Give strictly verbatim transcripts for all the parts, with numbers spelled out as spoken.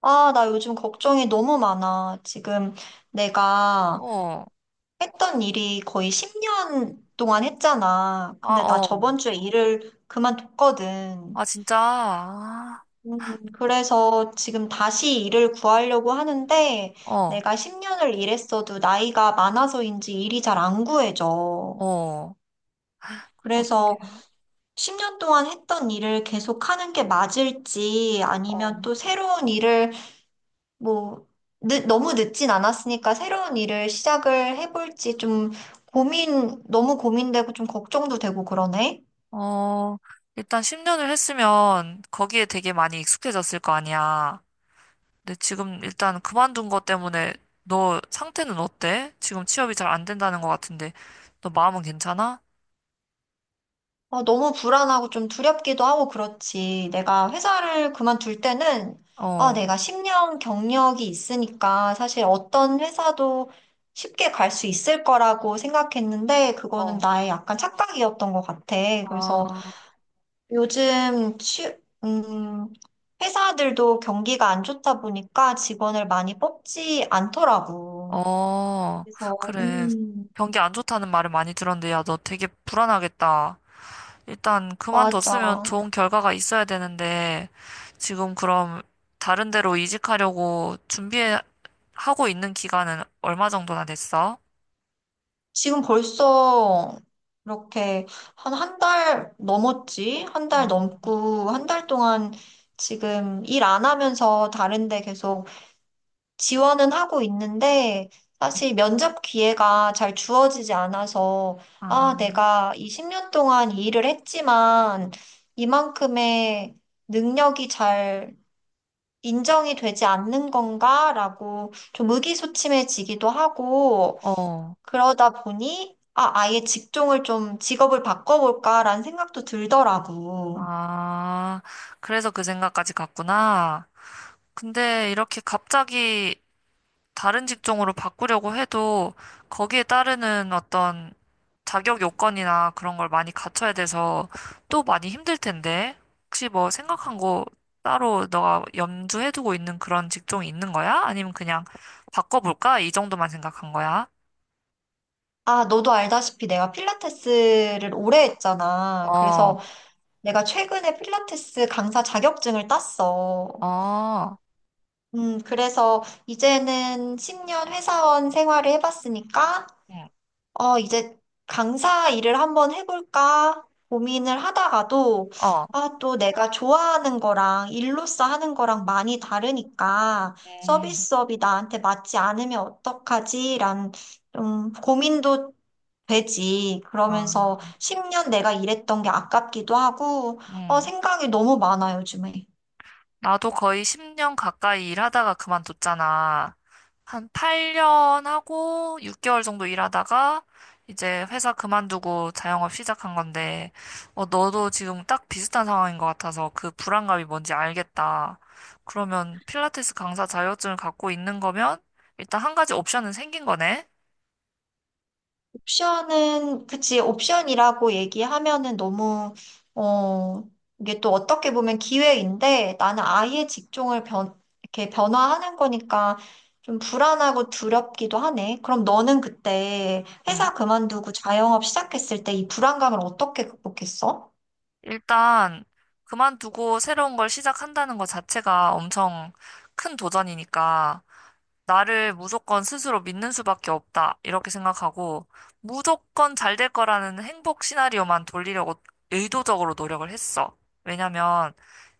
아, 나 요즘 걱정이 너무 많아. 지금 내가 어, 했던 일이 거의 십 년 동안 했잖아. 아, 근데 나 어. 저번 주에 일을 그만뒀거든. 아, 진짜. 아, 음, 그래서 지금 다시 일을 구하려고 하는데 어, 내가 십 년을 일했어도 나이가 많아서인지 일이 잘 안 구해져. 어. 어, 그래서 십 년 동안 했던 일을 계속 하는 게 맞을지 어, 아니면 또 새로운 일을 뭐, 늦, 너무 늦진 않았으니까 새로운 일을 시작을 해볼지 좀 고민, 너무 고민되고 좀 걱정도 되고 그러네. 어, 일단 십 년을 했으면 거기에 되게 많이 익숙해졌을 거 아니야. 근데 지금 일단 그만둔 것 때문에 너 상태는 어때? 지금 취업이 잘 안 된다는 것 같은데 너 마음은 괜찮아? 어, 너무 불안하고 좀 두렵기도 하고 그렇지. 내가 회사를 그만둘 때는, 아, 어, 내가 십 년 경력이 있으니까 사실 어떤 회사도 쉽게 갈 수 있을 거라고 생각했는데, 그거는 어, 나의 약간 착각이었던 것 같아. 그래서 아, 요즘 취, 음, 회사들도 경기가 안 좋다 보니까 직원을 많이 뽑지 않더라고. 어, 그래서, 그래. 음, 경기 안 좋다는 말을 많이 들었는데 야, 너 되게 불안하겠다. 일단 그만뒀으면 맞아. 좋은 결과가 있어야 되는데, 지금 그럼 다른 데로 이직하려고 준비하고 있는 기간은 얼마 정도나 됐어? 지금 벌써 이렇게 한 한 달 넘었지? 한 달 어, 넘고, 한 달 동안 지금 일 안 하면서 다른 데 계속 지원은 하고 있는데 사실 면접 기회가 잘 주어지지 않아서 아, 아, 내가 이 십 년 동안 이 일을 했지만 이만큼의 능력이 잘 인정이 되지 않는 건가라고 좀 의기소침해지기도 하고 어, 그러다 보니 아, 아예 직종을 좀 직업을 바꿔볼까라는 생각도 들더라고. 아, 그래서 그 생각까지 갔구나. 근데 이렇게 갑자기 다른 직종으로 바꾸려고 해도 거기에 따르는 어떤 자격 요건이나 그런 걸 많이 갖춰야 돼서 또 많이 힘들 텐데. 혹시 뭐 생각한 거 따로 너가 염두해두고 있는 그런 직종이 있는 거야? 아니면 그냥 바꿔볼까? 이 정도만 생각한 거야? 아, 너도 알다시피 내가 필라테스를 오래 했잖아. 어, 그래서 내가 최근에 필라테스 강사 자격증을 땄어. 어, 음, 그래서 이제는 십 년 회사원 생활을 해봤으니까, 응, 어, 이제 강사 일을 한번 해볼까 고민을 하다가도, 어, 아, 또 내가 좋아하는 거랑 일로서 하는 거랑 많이 다르니까 음, 서비스업이 나한테 맞지 않으면 어떡하지라는 좀 고민도 되지. 어, 그러면서 십 년 내가 일했던 게 아깝기도 하고, 어, 음. 생각이 너무 많아, 요즘에. 나도 거의 십 년 가까이 일하다가 그만뒀잖아. 한 팔 년 하고 육 개월 정도 일하다가 이제 회사 그만두고 자영업 시작한 건데, 어, 너도 지금 딱 비슷한 상황인 것 같아서 그 불안감이 뭔지 알겠다. 그러면 필라테스 강사 자격증을 갖고 있는 거면 일단 한 가지 옵션은 생긴 거네? 옵션은, 그치, 옵션이라고 얘기하면은 너무, 어, 이게 또 어떻게 보면 기회인데, 나는 아예 직종을 변, 이렇게 변화하는 거니까 좀 불안하고 두렵기도 하네. 그럼 너는 그때 응. 회사 그만두고 자영업 시작했을 때 이 불안감을 어떻게 극복했어? 일단 그만두고 새로운 걸 시작한다는 것 자체가 엄청 큰 도전이니까 나를 무조건 스스로 믿는 수밖에 없다. 이렇게 생각하고, 무조건 잘 될 거라는 행복 시나리오만 돌리려고 의도적으로 노력을 했어. 왜냐면,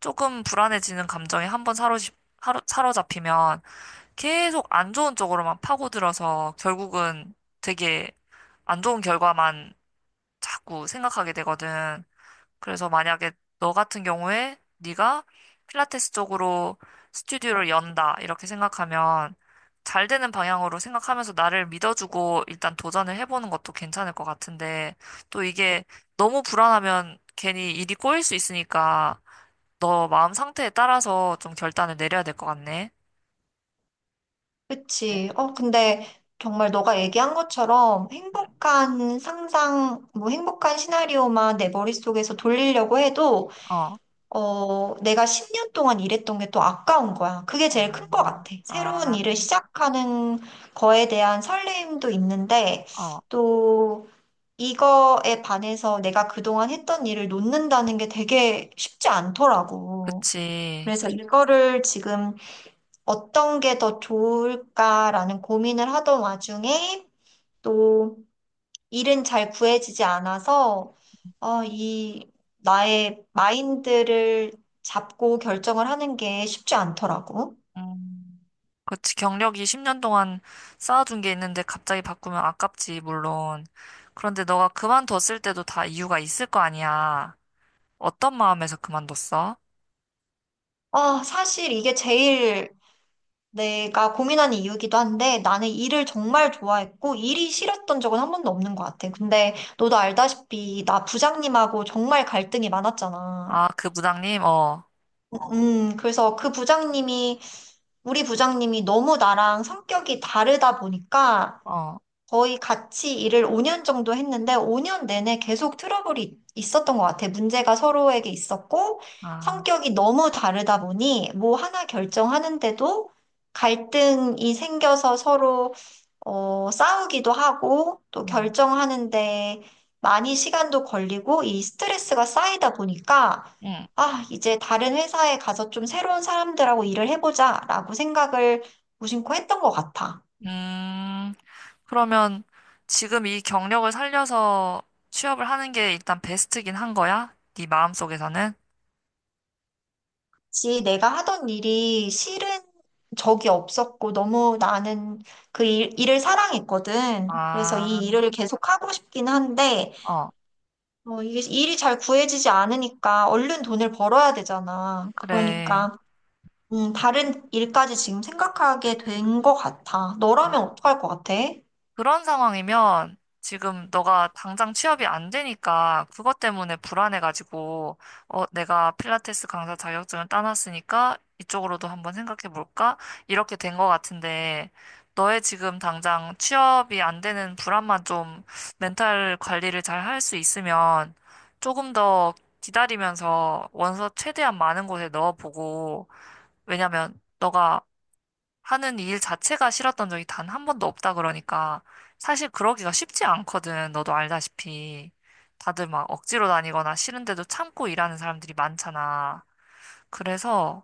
조금 불안해지는 감정에 한번 사로잡, 하루- 사로잡히면 계속 안 좋은 쪽으로만 파고들어서 결국은 되게 안 좋은 결과만 자꾸 생각하게 되거든. 그래서 만약에 너 같은 경우에 네가 필라테스 쪽으로 스튜디오를 연다 이렇게 생각하면 잘 되는 방향으로 생각하면서 나를 믿어주고 일단 도전을 해보는 것도 괜찮을 것 같은데 또 이게 너무 불안하면 괜히 일이 꼬일 수 있으니까 너 마음 상태에 따라서 좀 결단을 내려야 될 것 같네. 네. 그치. 어, 근데 정말 너가 얘기한 것처럼 행복한 상상, 뭐 행복한 시나리오만 내 머릿속에서 돌리려고 해도, 어, 어, 내가 십 년 동안 일했던 게 또 아까운 거야. 그게 제일 큰 것 아, 같아. 새로운 일을 아, 시작하는 거에 대한 설레임도 있는데, 어, 또 이거에 반해서 내가 그동안 했던 일을 놓는다는 게 되게 쉽지 않더라고. 그치. 그래서 이거를 지금 어떤 게 더 좋을까라는 고민을 하던 와중에 또 일은 잘 구해지지 않아서 어, 이 나의 마인드를 잡고 결정을 하는 게 쉽지 않더라고. 음. 그렇지. 경력이 십 년 동안 쌓아둔 게 있는데 갑자기 바꾸면 아깝지, 물론. 그런데 너가 그만뒀을 때도 다 이유가 있을 거 아니야. 어떤 마음에서 그만뒀어? 아, 사실 이게 제일 내가 고민하는 이유기도 한데 나는 일을 정말 좋아했고 일이 싫었던 적은 한 번도 없는 것 같아. 근데 너도 알다시피 나 부장님하고 정말 갈등이 많았잖아. 아, 그 부장님? 어, 음, 그래서 그 부장님이 우리 부장님이 너무 나랑 성격이 다르다 보니까 어, 거의 같이 일을 오 년 정도 했는데 오 년 내내 계속 트러블이 있었던 것 같아. 문제가 서로에게 있었고 아, 성격이 너무 다르다 보니 뭐 하나 결정하는데도 갈등이 생겨서 서로 어, 싸우기도 하고 또 응, 결정하는데 많이 시간도 걸리고 이 스트레스가 쌓이다 보니까 응. 아, 이제 다른 회사에 가서 좀 새로운 사람들하고 일을 해보자라고 생각을 무심코 했던 것 같아. 음, 그러면 지금 이 경력을 살려서 취업을 하는 게 일단 베스트긴 한 거야? 네 마음속에서는? 지 내가 하던 일이 싫은 적이 없었고 너무 나는 그 일, 일을 사랑했거든. 그래서 이 아, 일을 계속 하고 싶긴 한데 어, 어, 이게 일이 잘 구해지지 않으니까 얼른 돈을 벌어야 되잖아. 그래. 그러니까 음, 다른 일까지 지금 생각하게 된 것 같아. 너라면 아. 어떡할 것 같아? 그런 상황이면 지금 너가 당장 취업이 안 되니까 그것 때문에 불안해가지고, 어, 내가 필라테스 강사 자격증을 따놨으니까 이쪽으로도 한번 생각해 볼까? 이렇게 된 것 같은데, 너의 지금 당장 취업이 안 되는 불안만 좀 멘탈 관리를 잘 할 수 있으면 조금 더 기다리면서 원서 최대한 많은 곳에 넣어보고, 왜냐면 너가 하는 일 자체가 싫었던 적이 단 한 번도 없다 그러니까 사실 그러기가 쉽지 않거든. 너도 알다시피 다들 막 억지로 다니거나 싫은데도 참고 일하는 사람들이 많잖아. 그래서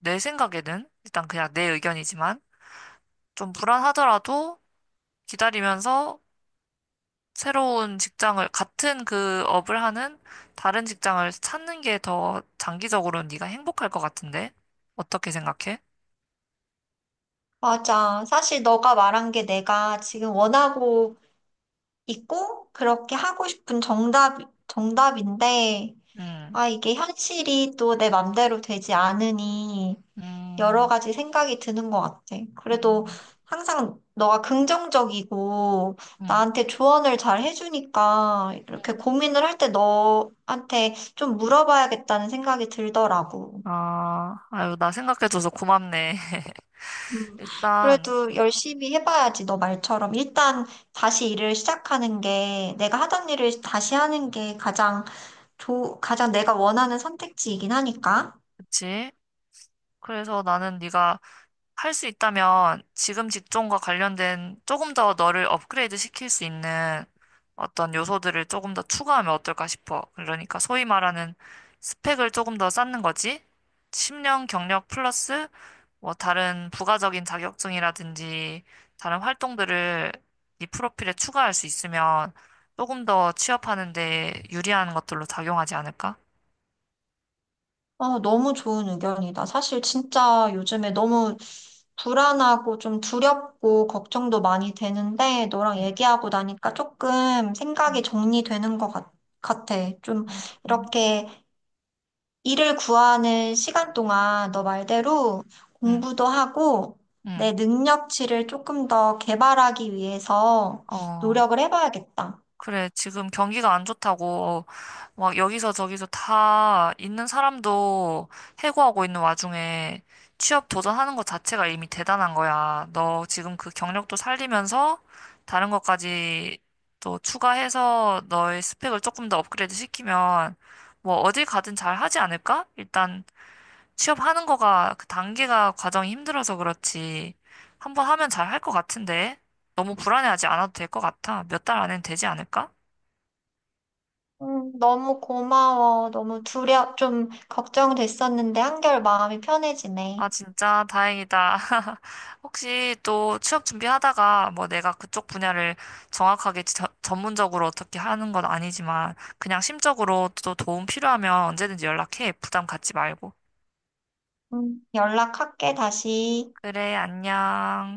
내 생각에는 일단 그냥 내 의견이지만 좀 불안하더라도 기다리면서 새로운 직장을 같은 그 업을 하는 다른 직장을 찾는 게 더 장기적으로는 네가 행복할 것 같은데 어떻게 생각해? 맞아. 사실 너가 말한 게 내가 지금 원하고 있고 그렇게 하고 싶은 정답 정답인데. 음, 아, 이게 현실이 또 내 맘대로 되지 않으니 여러 음, 가지 생각이 드는 것 같아. 그래도 음, 항상 너가 긍정적이고 음. 나한테 조언을 잘 해주니까 음. 이렇게 음. 고민을 할 때 너한테 좀 물어봐야겠다는 생각이 들더라고. 아, 아유, 나 생각해줘서 고맙네. 음, 일단, 그래도 열심히 해봐야지. 너 말처럼 일단 다시 일을 시작하는 게 내가 하던 일을 다시 하는 게 가장 조, 가장 내가 원하는 선택지이긴 하니까. 그치? 그래서 나는 네가 할 수 있다면 지금 직종과 관련된 조금 더 너를 업그레이드 시킬 수 있는 어떤 요소들을 조금 더 추가하면 어떨까 싶어. 그러니까 소위 말하는 스펙을 조금 더 쌓는 거지? 십 년 경력 플러스 뭐 다른 부가적인 자격증이라든지 다른 활동들을 이 프로필에 추가할 수 있으면 조금 더 취업하는 데 유리한 것들로 작용하지 않을까? 아, 너무 좋은 의견이다. 사실 진짜 요즘에 너무 불안하고 좀 두렵고 걱정도 많이 되는데 너랑 응, 얘기하고 나니까 조금 응, 생각이 정리되는 것 같, 같아. 좀 응, 응, 이렇게 일을 구하는 시간 동안 너 말대로 응. 공부도 하고 응. 내 능력치를 조금 더 개발하기 위해서 어, 노력을 해봐야겠다. 그래, 지금 경기가 안 좋다고, 막 여기서 저기서 다 있는 사람도 해고하고 있는 와중에 취업 도전하는 것 자체가 이미 대단한 거야. 너 지금 그 경력도 살리면서 다른 것까지 또 추가해서 너의 스펙을 조금 더 업그레이드 시키면 뭐 어딜 가든 잘 하지 않을까? 일단 취업하는 거가 그 단계가 과정이 힘들어서 그렇지. 한 번 하면 잘 할 것 같은데. 너무 불안해하지 않아도 될 것 같아. 몇 달 안엔 되지 않을까? 음, 너무 고마워. 너무 두려, 좀 걱정됐었는데 한결 마음이 편해지네. 아, 진짜 다행이다. 혹시 또 취업 준비하다가 뭐 내가 그쪽 분야를 정확하게 저- 전문적으로 어떻게 하는 건 아니지만 그냥 심적으로 또 도움 필요하면 언제든지 연락해. 부담 갖지 말고. 음, 연락할게, 다시. 그래, 안녕.